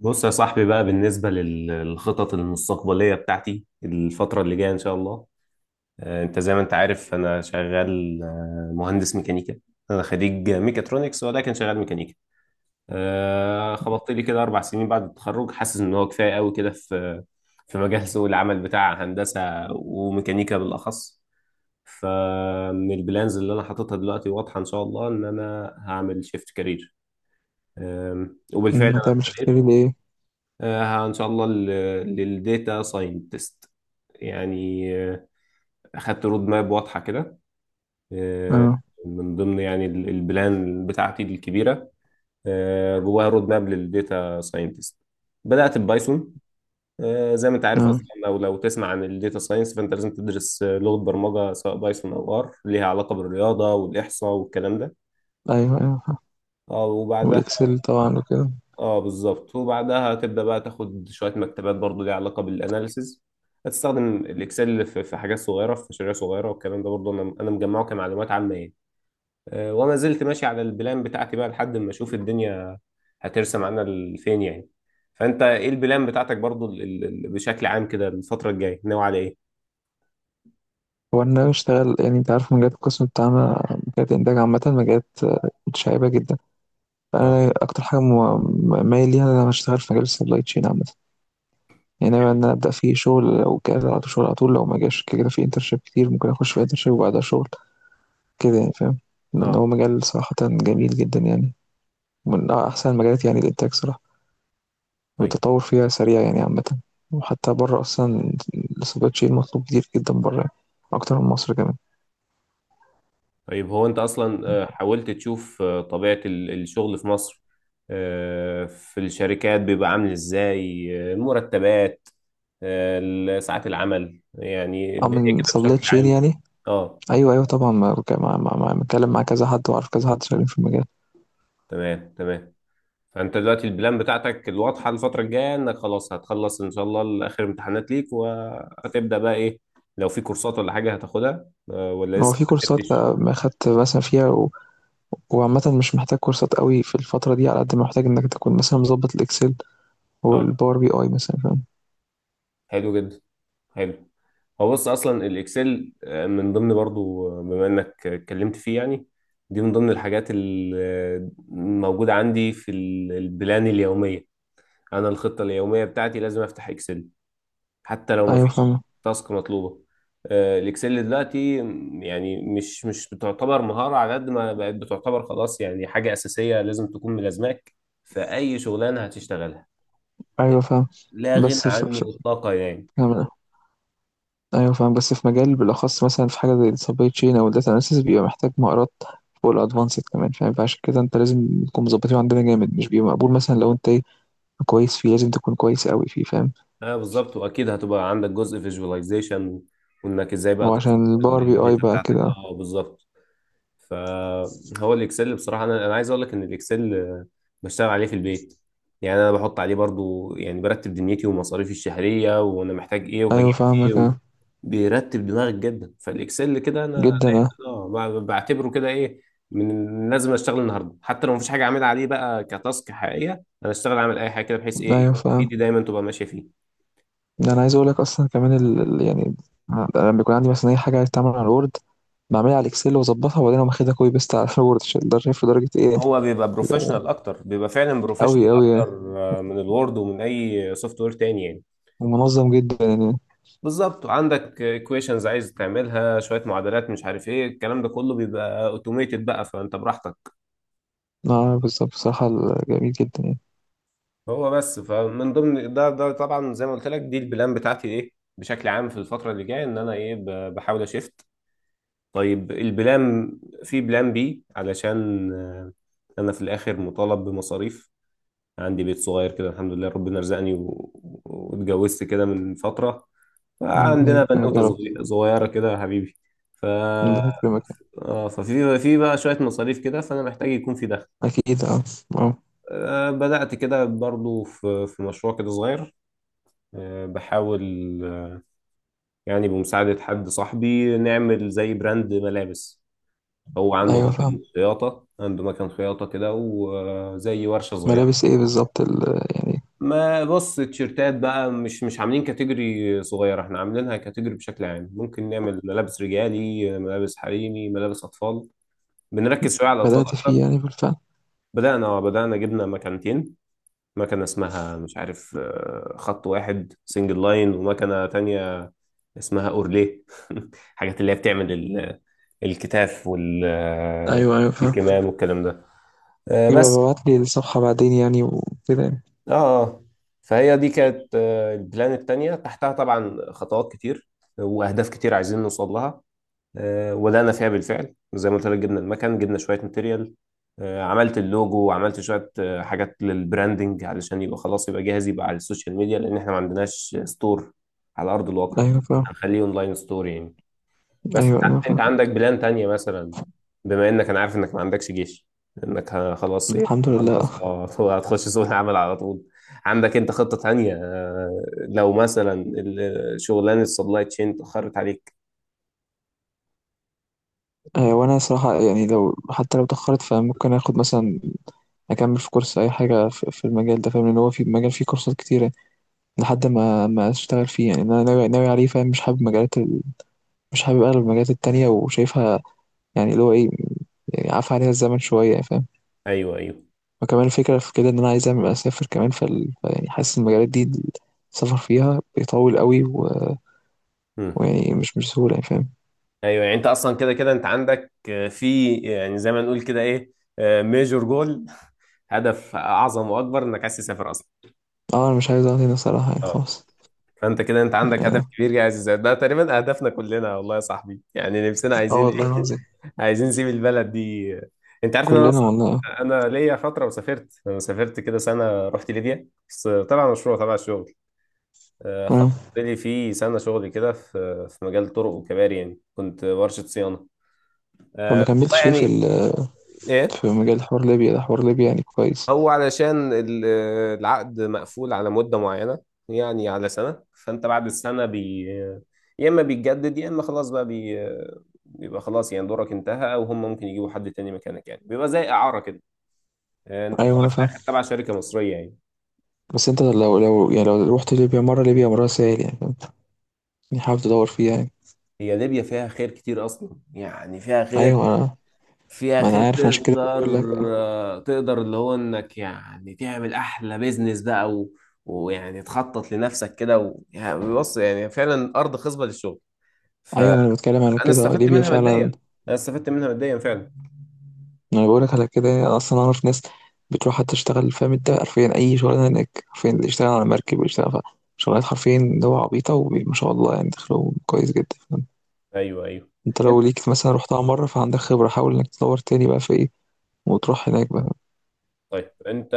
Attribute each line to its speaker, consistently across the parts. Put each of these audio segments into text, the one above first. Speaker 1: بص يا صاحبي بقى، بالنسبة للخطط المستقبلية بتاعتي الفترة اللي جاية إن شاء الله. أنت زي ما أنت عارف أنا شغال، مهندس ميكانيكا. أنا خريج ميكاترونكس ولكن شغال ميكانيكا. خبطت لي كده 4 سنين بعد التخرج، حاسس إن هو كفاية قوي كده في مجال سوق العمل بتاع هندسة وميكانيكا بالأخص. فمن البلانز اللي أنا حاططها دلوقتي واضحة إن شاء الله إن أنا هعمل شيفت كارير،
Speaker 2: مم،
Speaker 1: وبالفعل.
Speaker 2: ما تعملش تجاري لإيه؟
Speaker 1: ان شاء الله للديتا ساينتست، يعني. اخدت رود ماب واضحه كده. آه،
Speaker 2: آه،
Speaker 1: من ضمن يعني البلان بتاعتي الكبيره، جواها رود ماب للديتا ساينتست. بدات ببايثون. زي ما انت عارف اصلا،
Speaker 2: آه،
Speaker 1: لو تسمع عن الديتا ساينس فانت لازم تدرس، لغه برمجه سواء بايثون او ار، ليها علاقه بالرياضه والاحصاء والكلام ده.
Speaker 2: أيوه، أيوه فاهم،
Speaker 1: وبعدها.
Speaker 2: والإكسل طبعًا وكده.
Speaker 1: اه بالظبط، وبعدها هتبدا بقى تاخد شويه مكتبات برضو ليها علاقه بالاناليسز. هتستخدم الاكسل في حاجات صغيره، في مشاريع صغيره والكلام ده، برضو انا مجمعه كمعلومات عامه يعني. وما زلت ماشي على البلان بتاعتي بقى لحد ما اشوف الدنيا هترسم عنا لفين يعني. فانت ايه البلان بتاعتك برضو بشكل عام، كده الفتره الجايه ناوي على ايه؟
Speaker 2: هو أنا باشتغل، يعني أنت عارف مجالات القسم بتاعنا، مجالات الإنتاج عامةً، مجالات متشعبة جدًا،
Speaker 1: اه.
Speaker 2: فأنا أكتر حاجة م م مايل ليها إن أنا هاشتغل في مجال الsupply chain عامةً، يعني ناوي إن أنا أبدأ فيه شغل، لو جه على طول شغل على طول، لو ما جاش كده كده في internship كتير ممكن أخش في internship وبعدها شغل، كده يعني فاهم؟ لأن هو
Speaker 1: اه.
Speaker 2: مجال صراحةً جميل جدًا يعني، من أحسن المجالات يعني الإنتاج صراحة.
Speaker 1: طيب.
Speaker 2: والتطور فيها سريع يعني عامة، وحتى بره أصلا السبلاي تشين مطلوب كتير جدا بره يعني، أكتر من مصر كمان.
Speaker 1: طيب. هو انت اصلا، حاولت تشوف طبيعة الشغل في مصر؟ في الشركات بيبقى عامل ازاي؟ المرتبات، ساعات العمل، يعني
Speaker 2: أو
Speaker 1: الدنيا
Speaker 2: من
Speaker 1: كده
Speaker 2: سبلاي
Speaker 1: بشكل
Speaker 2: تشين
Speaker 1: عام.
Speaker 2: يعني.
Speaker 1: اه.
Speaker 2: أيوه أيوه طبعا، ما متكلم مع كذا حد، وعارف كذا حد شغالين في المجال.
Speaker 1: تمام، تمام. فانت دلوقتي البلان بتاعتك الواضحة الفترة الجاية، انك خلاص هتخلص ان شاء الله اخر امتحانات ليك، وهتبدأ بقى ايه؟ لو في كورسات ولا حاجة هتاخدها، ولا
Speaker 2: هو
Speaker 1: لسه
Speaker 2: في
Speaker 1: ما
Speaker 2: كورسات،
Speaker 1: رتبتش؟
Speaker 2: ما خدت مثلا فيها وعامة مش محتاج كورسات قوي في الفترة دي، على قد ما محتاج إنك تكون مثلا مظبط الإكسل
Speaker 1: اه.
Speaker 2: والباور بي أي مثلا، فاهم.
Speaker 1: حلو جدا. حلو. هو بص، اصلا الاكسل، من ضمن برضو، بما انك اتكلمت فيه يعني، دي من ضمن الحاجات الموجودة عندي في البلان اليومية. انا الخطة اليومية بتاعتي لازم افتح اكسل، حتى لو ما
Speaker 2: أيوه
Speaker 1: فيش
Speaker 2: فاهم.
Speaker 1: تاسك مطلوبة. الاكسل دلوقتي يعني مش بتعتبر مهارة، على قد ما بقت بتعتبر خلاص يعني حاجة أساسية لازم تكون ملازماك في أي شغلانة هتشتغلها.
Speaker 2: أيوه فاهم
Speaker 1: لا غنى
Speaker 2: بس
Speaker 1: عنه إطلاقا يعني.
Speaker 2: ف... أيوه فاهم، بس في مجال بالأخص مثلا في حاجة زي السبلاي تشين أو الداتا أناليسيس، بيبقى محتاج مهارات فوق الأدفانسد كمان، فاهم، فعشان كده أنت لازم تكون مظبطين عندنا جامد، مش بيبقى مقبول مثلا لو أنت إيه كويس فيه، لازم تكون كويس أوي فيه، فاهم.
Speaker 1: اه بالظبط، واكيد هتبقى عندك جزء فيجواليزيشن، وانك ازاي بقى
Speaker 2: هو
Speaker 1: تصل
Speaker 2: عشان الباور بي أي
Speaker 1: الداتا
Speaker 2: بقى
Speaker 1: بتاعتك.
Speaker 2: كده.
Speaker 1: اه بالظبط. فهو الاكسل بصراحه، انا عايز اقول لك ان الاكسل، بشتغل عليه في البيت. يعني انا بحط عليه برضو، يعني برتب دنيتي ومصاريفي الشهريه، وانا محتاج ايه وهجيب
Speaker 2: أيوه
Speaker 1: ايه
Speaker 2: فاهمك، أه.
Speaker 1: بيرتب دماغك جدا. فالاكسل كده انا
Speaker 2: جدا أه.
Speaker 1: دايما اه، بعتبره كده ايه، من لازم اشتغل النهارده، حتى لو مفيش حاجه اعملها عليه بقى كتاسك حقيقيه، انا اشتغل اعمل اي حاجه كده، بحيث ايه
Speaker 2: أيوه فاهم.
Speaker 1: ايدي دايما تبقى ماشيه فيه.
Speaker 2: ده أنا عايز أقولك أصلا كمان يعني أنا لما بيكون عندي مثلا أي حاجة عايز تعمل على الوورد، بعملها على الإكسل وأظبطها وبعدين أقوم واخدها كوبي بيست على الوورد، عشان ده شايف درجة إيه يعني.
Speaker 1: هو بيبقى بروفيشنال اكتر، بيبقى فعلا بروفيشنال
Speaker 2: أوي أوي يعني.
Speaker 1: اكتر، من الوورد ومن اي سوفت وير تاني يعني.
Speaker 2: ومنظم جدا يعني.
Speaker 1: بالظبط، عندك ايكويشنز عايز تعملها، شويه معادلات مش عارف ايه، الكلام ده كله بيبقى اوتوميتد، بقى فانت براحتك.
Speaker 2: اه بالظبط، بصراحة جميل جدا يعني.
Speaker 1: هو بس، فمن ضمن ده طبعا زي ما قلت لك، دي البلان بتاعتي ايه بشكل عام في الفتره اللي جايه، ان انا ايه بحاول اشفت. طيب البلان، في بلان بي علشان، انا في الاخر مطالب بمصاريف. عندي بيت صغير كده الحمد لله، ربنا رزقني واتجوزت كده من فترة،
Speaker 2: ربنا
Speaker 1: فعندنا
Speaker 2: يكرمك
Speaker 1: بنوتة
Speaker 2: يا رب.
Speaker 1: صغيرة كده يا حبيبي. ف،
Speaker 2: ربنا يكرمك.
Speaker 1: اه، ففي في بقى شوية مصاريف كده، فأنا محتاج يكون في دخل.
Speaker 2: أكيد اه. اه
Speaker 1: بدأت كده برضو في في مشروع كده صغير، بحاول، آه، يعني بمساعدة حد صاحبي نعمل زي براند ملابس. هو عنده
Speaker 2: أيوه
Speaker 1: مكان
Speaker 2: فاهم.
Speaker 1: خياطة عنده مكان خياطة كده، وزي ورشة صغيرة.
Speaker 2: ملابس إيه بالظبط يعني.
Speaker 1: ما بص، التيشيرتات بقى مش عاملين كاتيجوري صغيرة، احنا عاملينها كاتيجوري بشكل عام، ممكن نعمل ملابس رجالي، ملابس حريمي، ملابس أطفال، بنركز شوية على الأطفال
Speaker 2: بدأت فيه
Speaker 1: أكتر.
Speaker 2: يعني بالفعل.
Speaker 1: بدأنا، بدأنا جبنا مكانتين، مكنة اسمها مش عارف، خط واحد سنجل لاين، ومكنة تانية اسمها أورليه. حاجات اللي هي بتعمل الكتاف
Speaker 2: أيوه أيوه فاهم.
Speaker 1: والكمام والكلام ده، آه،
Speaker 2: يبقى
Speaker 1: بس
Speaker 2: ببعت لي الصفحة بعدين يعني وكده يعني.
Speaker 1: اه آه. فهي دي كانت، البلان التانية، تحتها طبعا خطوات كتير واهداف كتير عايزين نوصل لها. وبدأنا فيها بالفعل زي ما قلت لك، جبنا المكان، جبنا شوية ماتيريال، عملت اللوجو، وعملت شوية حاجات للبراندنج، علشان يبقى خلاص يبقى جاهز، يبقى على السوشيال ميديا، لأن احنا ما عندناش ستور على أرض الواقع،
Speaker 2: أيوه فاهم.
Speaker 1: هنخليه اونلاين ستور يعني. بس
Speaker 2: أيوه أيوه
Speaker 1: ساعات انت
Speaker 2: فاهم.
Speaker 1: عندك بلان تانية مثلا، بما انك، انا عارف انك ما عندكش جيش، انك خلاص ايه،
Speaker 2: الحمد لله.
Speaker 1: خلاص اه هتخش سوق العمل على طول. عندك انت خطة تانية، لو مثلا شغلانة السبلاي تشين اتأخرت عليك؟
Speaker 2: آه وأنا صراحة يعني لو حتى لو اتأخرت، فممكن آخد مثلا، أكمل في كورس أي حاجة في المجال ده، فاهم، إن هو في مجال فيه كورسات كتيرة لحد ما أشتغل فيه يعني. أنا ناوي عليه، فاهم، مش حابب مجالات، مش حابب أنا المجالات التانية وشايفها، يعني اللي هو إيه، يعني عفى عليها الزمن شوية، فاهم.
Speaker 1: ايوه، ايوه.
Speaker 2: وكمان الفكرة في كده إن أنا عايز أسافر كمان، يعني حاسس المجالات دي السفر فيها بيطول قوي،
Speaker 1: مم.
Speaker 2: ويعني مش سهولة يعني، فاهم.
Speaker 1: ايوه. يعني انت اصلا كده كده انت عندك، في يعني زي ما نقول كده ايه، ميجور جول هدف اعظم واكبر، انك عايز تسافر اصلا.
Speaker 2: اه أنا مش عايز أقعد هنا صراحة يعني،
Speaker 1: اه.
Speaker 2: خلاص.
Speaker 1: فانت كده انت عندك هدف
Speaker 2: اه
Speaker 1: كبير عايز تسافر. ده تقريبا اهدافنا كلنا والله يا صاحبي، يعني نفسنا
Speaker 2: آه
Speaker 1: عايزين
Speaker 2: والله
Speaker 1: إيه؟
Speaker 2: العظيم.
Speaker 1: عايزين نسيب البلد دي. انت عارف ان انا
Speaker 2: كلنا والله.
Speaker 1: اصلا، انا ليا فتره وسافرت، انا سافرت كده سنه، رحت ليبيا، بس طبعا مشروع تبع الشغل.
Speaker 2: اه
Speaker 1: خلصت لي في سنه شغل كده في مجال طرق وكباري، يعني كنت ورشه صيانه.
Speaker 2: فما
Speaker 1: والله
Speaker 2: كملتش ليه
Speaker 1: يعني. ايه.
Speaker 2: في مجال حوار ليبيا ده؟ حوار ليبيا يعني كويس.
Speaker 1: هو علشان العقد مقفول على مده معينه، يعني على سنه، فانت بعد السنه يا اما بيتجدد يا اما خلاص بقى بيبقى خلاص، يعني دورك انتهى وهم ممكن يجيبوا حد تاني مكانك، يعني بيبقى زي اعاره كده. انت
Speaker 2: أيوة
Speaker 1: طالع
Speaker 2: أنا
Speaker 1: في
Speaker 2: فاهم،
Speaker 1: الاخر تبع شركه مصريه يعني.
Speaker 2: بس أنت لو يعني لو رحت ليبيا مرة، ليبيا مرة سهل يعني، فاهم، يعني حابب تدور فيها يعني.
Speaker 1: هي ليبيا فيها خير كتير اصلا، يعني فيها خير،
Speaker 2: أيوة أنا،
Speaker 1: فيها
Speaker 2: ما أنا
Speaker 1: خير
Speaker 2: عارف عشان
Speaker 1: تقدر،
Speaker 2: كده بقول لك.
Speaker 1: تقدر اللي هو انك يعني تعمل احلى بيزنس بقى ويعني تخطط لنفسك كده يعني بص، يعني فعلا ارض خصبه للشغل.
Speaker 2: ايوه ما انا
Speaker 1: فانا
Speaker 2: بتكلم على كده،
Speaker 1: استفدت
Speaker 2: ليبيا
Speaker 1: منها
Speaker 2: فعلا.
Speaker 1: ماديا، انا استفدت منها ماديا فعلا.
Speaker 2: انا بقولك على كده، انا اصلا اعرف ناس بتروح تشتغل، فاهم، انت حرفيا اي شغلانه هناك، حرفيا اللي يشتغل على مركب ويشتغل في شغلات حرفيا اللي هو عبيطه وما شاء الله، يعني دخلهم كويس جدا، فاهم.
Speaker 1: ايوه، ايوه.
Speaker 2: انت لو
Speaker 1: انت،
Speaker 2: ليك مثلا رحتها مره فعندك خبره، حاول انك تدور تاني بقى في ايه، وتروح هناك بقى.
Speaker 1: طيب انت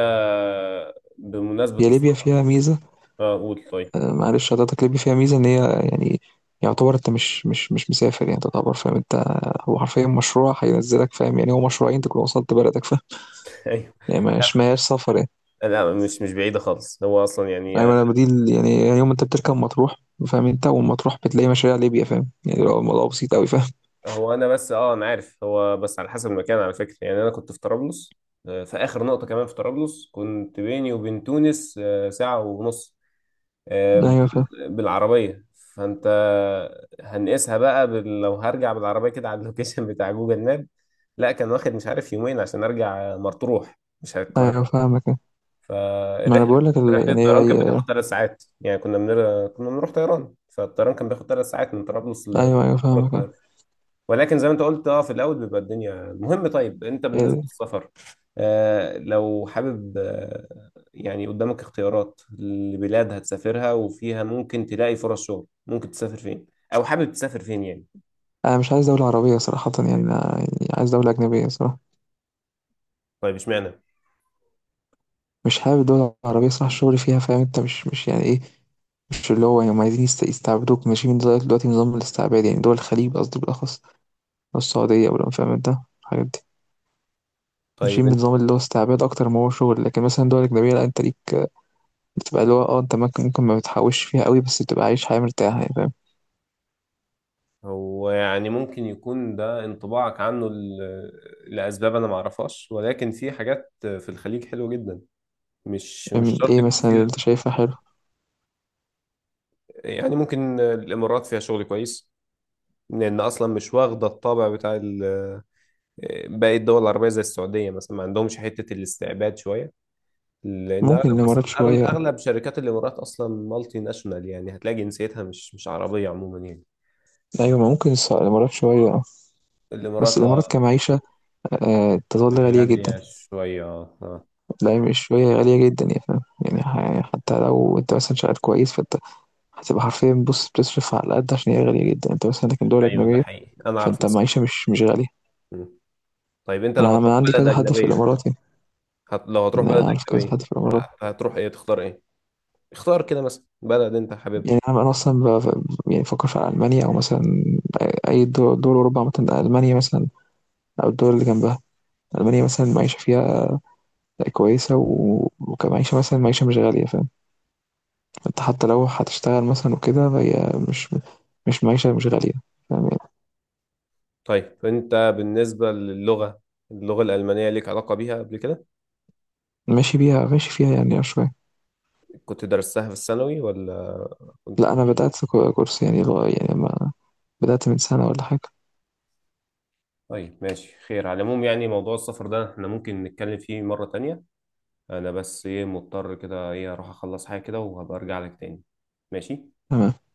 Speaker 1: بمناسبه
Speaker 2: هي ليبيا
Speaker 1: السفر.
Speaker 2: فيها ميزه.
Speaker 1: اه، قول طيب.
Speaker 2: معلش حضرتك، ليبيا فيها ميزه ان هي يعني، يعتبر انت مش مسافر يعني، تعتبر فاهم انت، هو حرفيا مشروع هينزلك، فاهم، يعني هو مشروعين تكون وصلت بلدك، فاهم،
Speaker 1: ايوه.
Speaker 2: يعني مش ماهياش سفر.
Speaker 1: لا، مش بعيده خالص، هو اصلا يعني.
Speaker 2: ايوه انا دي يعني يوم انت بتركب مطروح، فاهم انت والمطروح بتلاقي مشاريع ليبيا، فاهم يعني، لو الموضوع بسيط قوي، فاهم.
Speaker 1: هو انا بس اه، انا عارف، هو بس على حسب المكان على فكره، يعني انا كنت في طرابلس، في اخر نقطه كمان في طرابلس، كنت بيني وبين تونس، ساعه ونص،
Speaker 2: ايوه فاهم.
Speaker 1: بالعربيه. فانت، هنقيسها بقى لو هرجع بالعربيه كده على اللوكيشن بتاع جوجل ماب. لا كان واخد مش عارف يومين عشان ارجع مطروح، مش على
Speaker 2: ايوه
Speaker 1: القاهره.
Speaker 2: فاهمك. ما انا
Speaker 1: فالرحله،
Speaker 2: بقول لك
Speaker 1: رحله الطيران كانت بتاخد 3 ساعات، يعني كنا بنروح طيران، فالطيران كان بياخد 3 ساعات من طرابلس ل.
Speaker 2: ايوه ايوه فاهمك.
Speaker 1: ولكن زي ما انت قلت، اه في الاول بيبقى الدنيا مهم. طيب انت بالنسبه
Speaker 2: يعني
Speaker 1: للسفر، آه لو حابب، آه يعني قدامك اختيارات لبلاد هتسافرها وفيها ممكن تلاقي فرص شغل، ممكن تسافر فين؟ او حابب تسافر فين يعني؟
Speaker 2: انا مش عايز دولة عربية صراحة، يعني انا يعني عايز دولة أجنبية صراحة.
Speaker 1: طيب اشمعنى؟
Speaker 2: مش حابب الدول العربية صراحة، الشغل فيها فاهم انت، مش يعني ايه، مش اللي هو يعني، هم عايزين يستعبدوك، ماشي، من دلوقتي دلوقتي نظام الاستعباد، يعني دول الخليج قصدي بالأخص، أو السعودية، ولا فاهم انت الحاجات دي
Speaker 1: طيب
Speaker 2: ماشيين
Speaker 1: انت،
Speaker 2: بنظام اللي هو استعباد أكتر ما هو شغل. لكن مثلا دول أجنبية لا، انت ليك بتبقى اللي هو اه، انت ممكن، ممكن ما بتحوش فيها قوي بس بتبقى عايش حياة مرتاحة يعني، فاهم.
Speaker 1: هو يعني ممكن يكون ده انطباعك عنه لاسباب انا ما اعرفهاش، ولكن في حاجات في الخليج حلوه جدا، مش
Speaker 2: من
Speaker 1: شرط
Speaker 2: ايه
Speaker 1: يكون
Speaker 2: مثلا اللي
Speaker 1: فيها.
Speaker 2: انت شايفها حلو؟
Speaker 1: يعني ممكن الامارات فيها شغل كويس، لان اصلا مش واخده الطابع بتاع ال، باقي الدول العربية زي السعودية مثلا ما عندهمش حتة الاستعباد شوية، لأن أغلب
Speaker 2: ممكن الإمارات
Speaker 1: أصلا، أغلب
Speaker 2: شوية.
Speaker 1: أغلب شركات الإمارات أصلا مالتي ناشونال، يعني هتلاقي جنسيتها مش عربية عموما يعني.
Speaker 2: أيوة ما ممكن الإمارات شوية اه.
Speaker 1: الإمارات
Speaker 2: بس الإمارات
Speaker 1: أه.
Speaker 2: كمعيشة آه تظل غالية جدا.
Speaker 1: غالية شوية، أه آه.
Speaker 2: لا مش شوية، غالية جدا يا فاهم، يعني يعني حتى لو أنت مثلا شغال كويس فأنت هتبقى حرفيا بص بتصرف على قد، عشان هي غالية جدا أنت مثلا، لكن دول
Speaker 1: أيوه ده
Speaker 2: أجنبية
Speaker 1: حقيقي، أنا أعرف
Speaker 2: فأنت
Speaker 1: ناس.
Speaker 2: معيشة مش غالية.
Speaker 1: مم. طيب أنت
Speaker 2: ما
Speaker 1: لو
Speaker 2: أنا ما
Speaker 1: هتروح
Speaker 2: أنا عندي
Speaker 1: بلد
Speaker 2: كذا حد في
Speaker 1: أجنبية،
Speaker 2: الإمارات يعني،
Speaker 1: لو هتروح
Speaker 2: أنا
Speaker 1: بلد
Speaker 2: أعرف كذا
Speaker 1: أجنبية،
Speaker 2: حد في الإمارات.
Speaker 1: هتروح إيه، تختار إيه؟ اختار كده مثلا بلد أنت حاببها.
Speaker 2: يعني أنا اصلا يعني بفكر في المانيا او مثلا اي دول اوروبا مثلا، المانيا مثلا، او الدول اللي جنبها. المانيا مثلا المعيشه فيها كويسه، وكمعيشه مثلا معيشه مش غاليه، فاهم، انت حتى لو هتشتغل مثلا وكده فهي مش معيشه مش غاليه، فاهم يعني.
Speaker 1: طيب أنت بالنسبة للغة، اللغة الألمانية ليك علاقة بيها قبل كده؟
Speaker 2: ماشي بيها، ماشي فيها يعني شويه.
Speaker 1: كنت درستها في الثانوي ولا؟
Speaker 2: لا انا بدات كورس يعني يعني ما، بدات من سنه ولا حاجه.
Speaker 1: طيب ماشي، خير على العموم، يعني موضوع السفر ده احنا ممكن نتكلم فيه مرة تانية، انا بس ايه مضطر كده ايه، اروح اخلص حاجة كده وهبقى ارجع لك تاني. ماشي.
Speaker 2: تمام.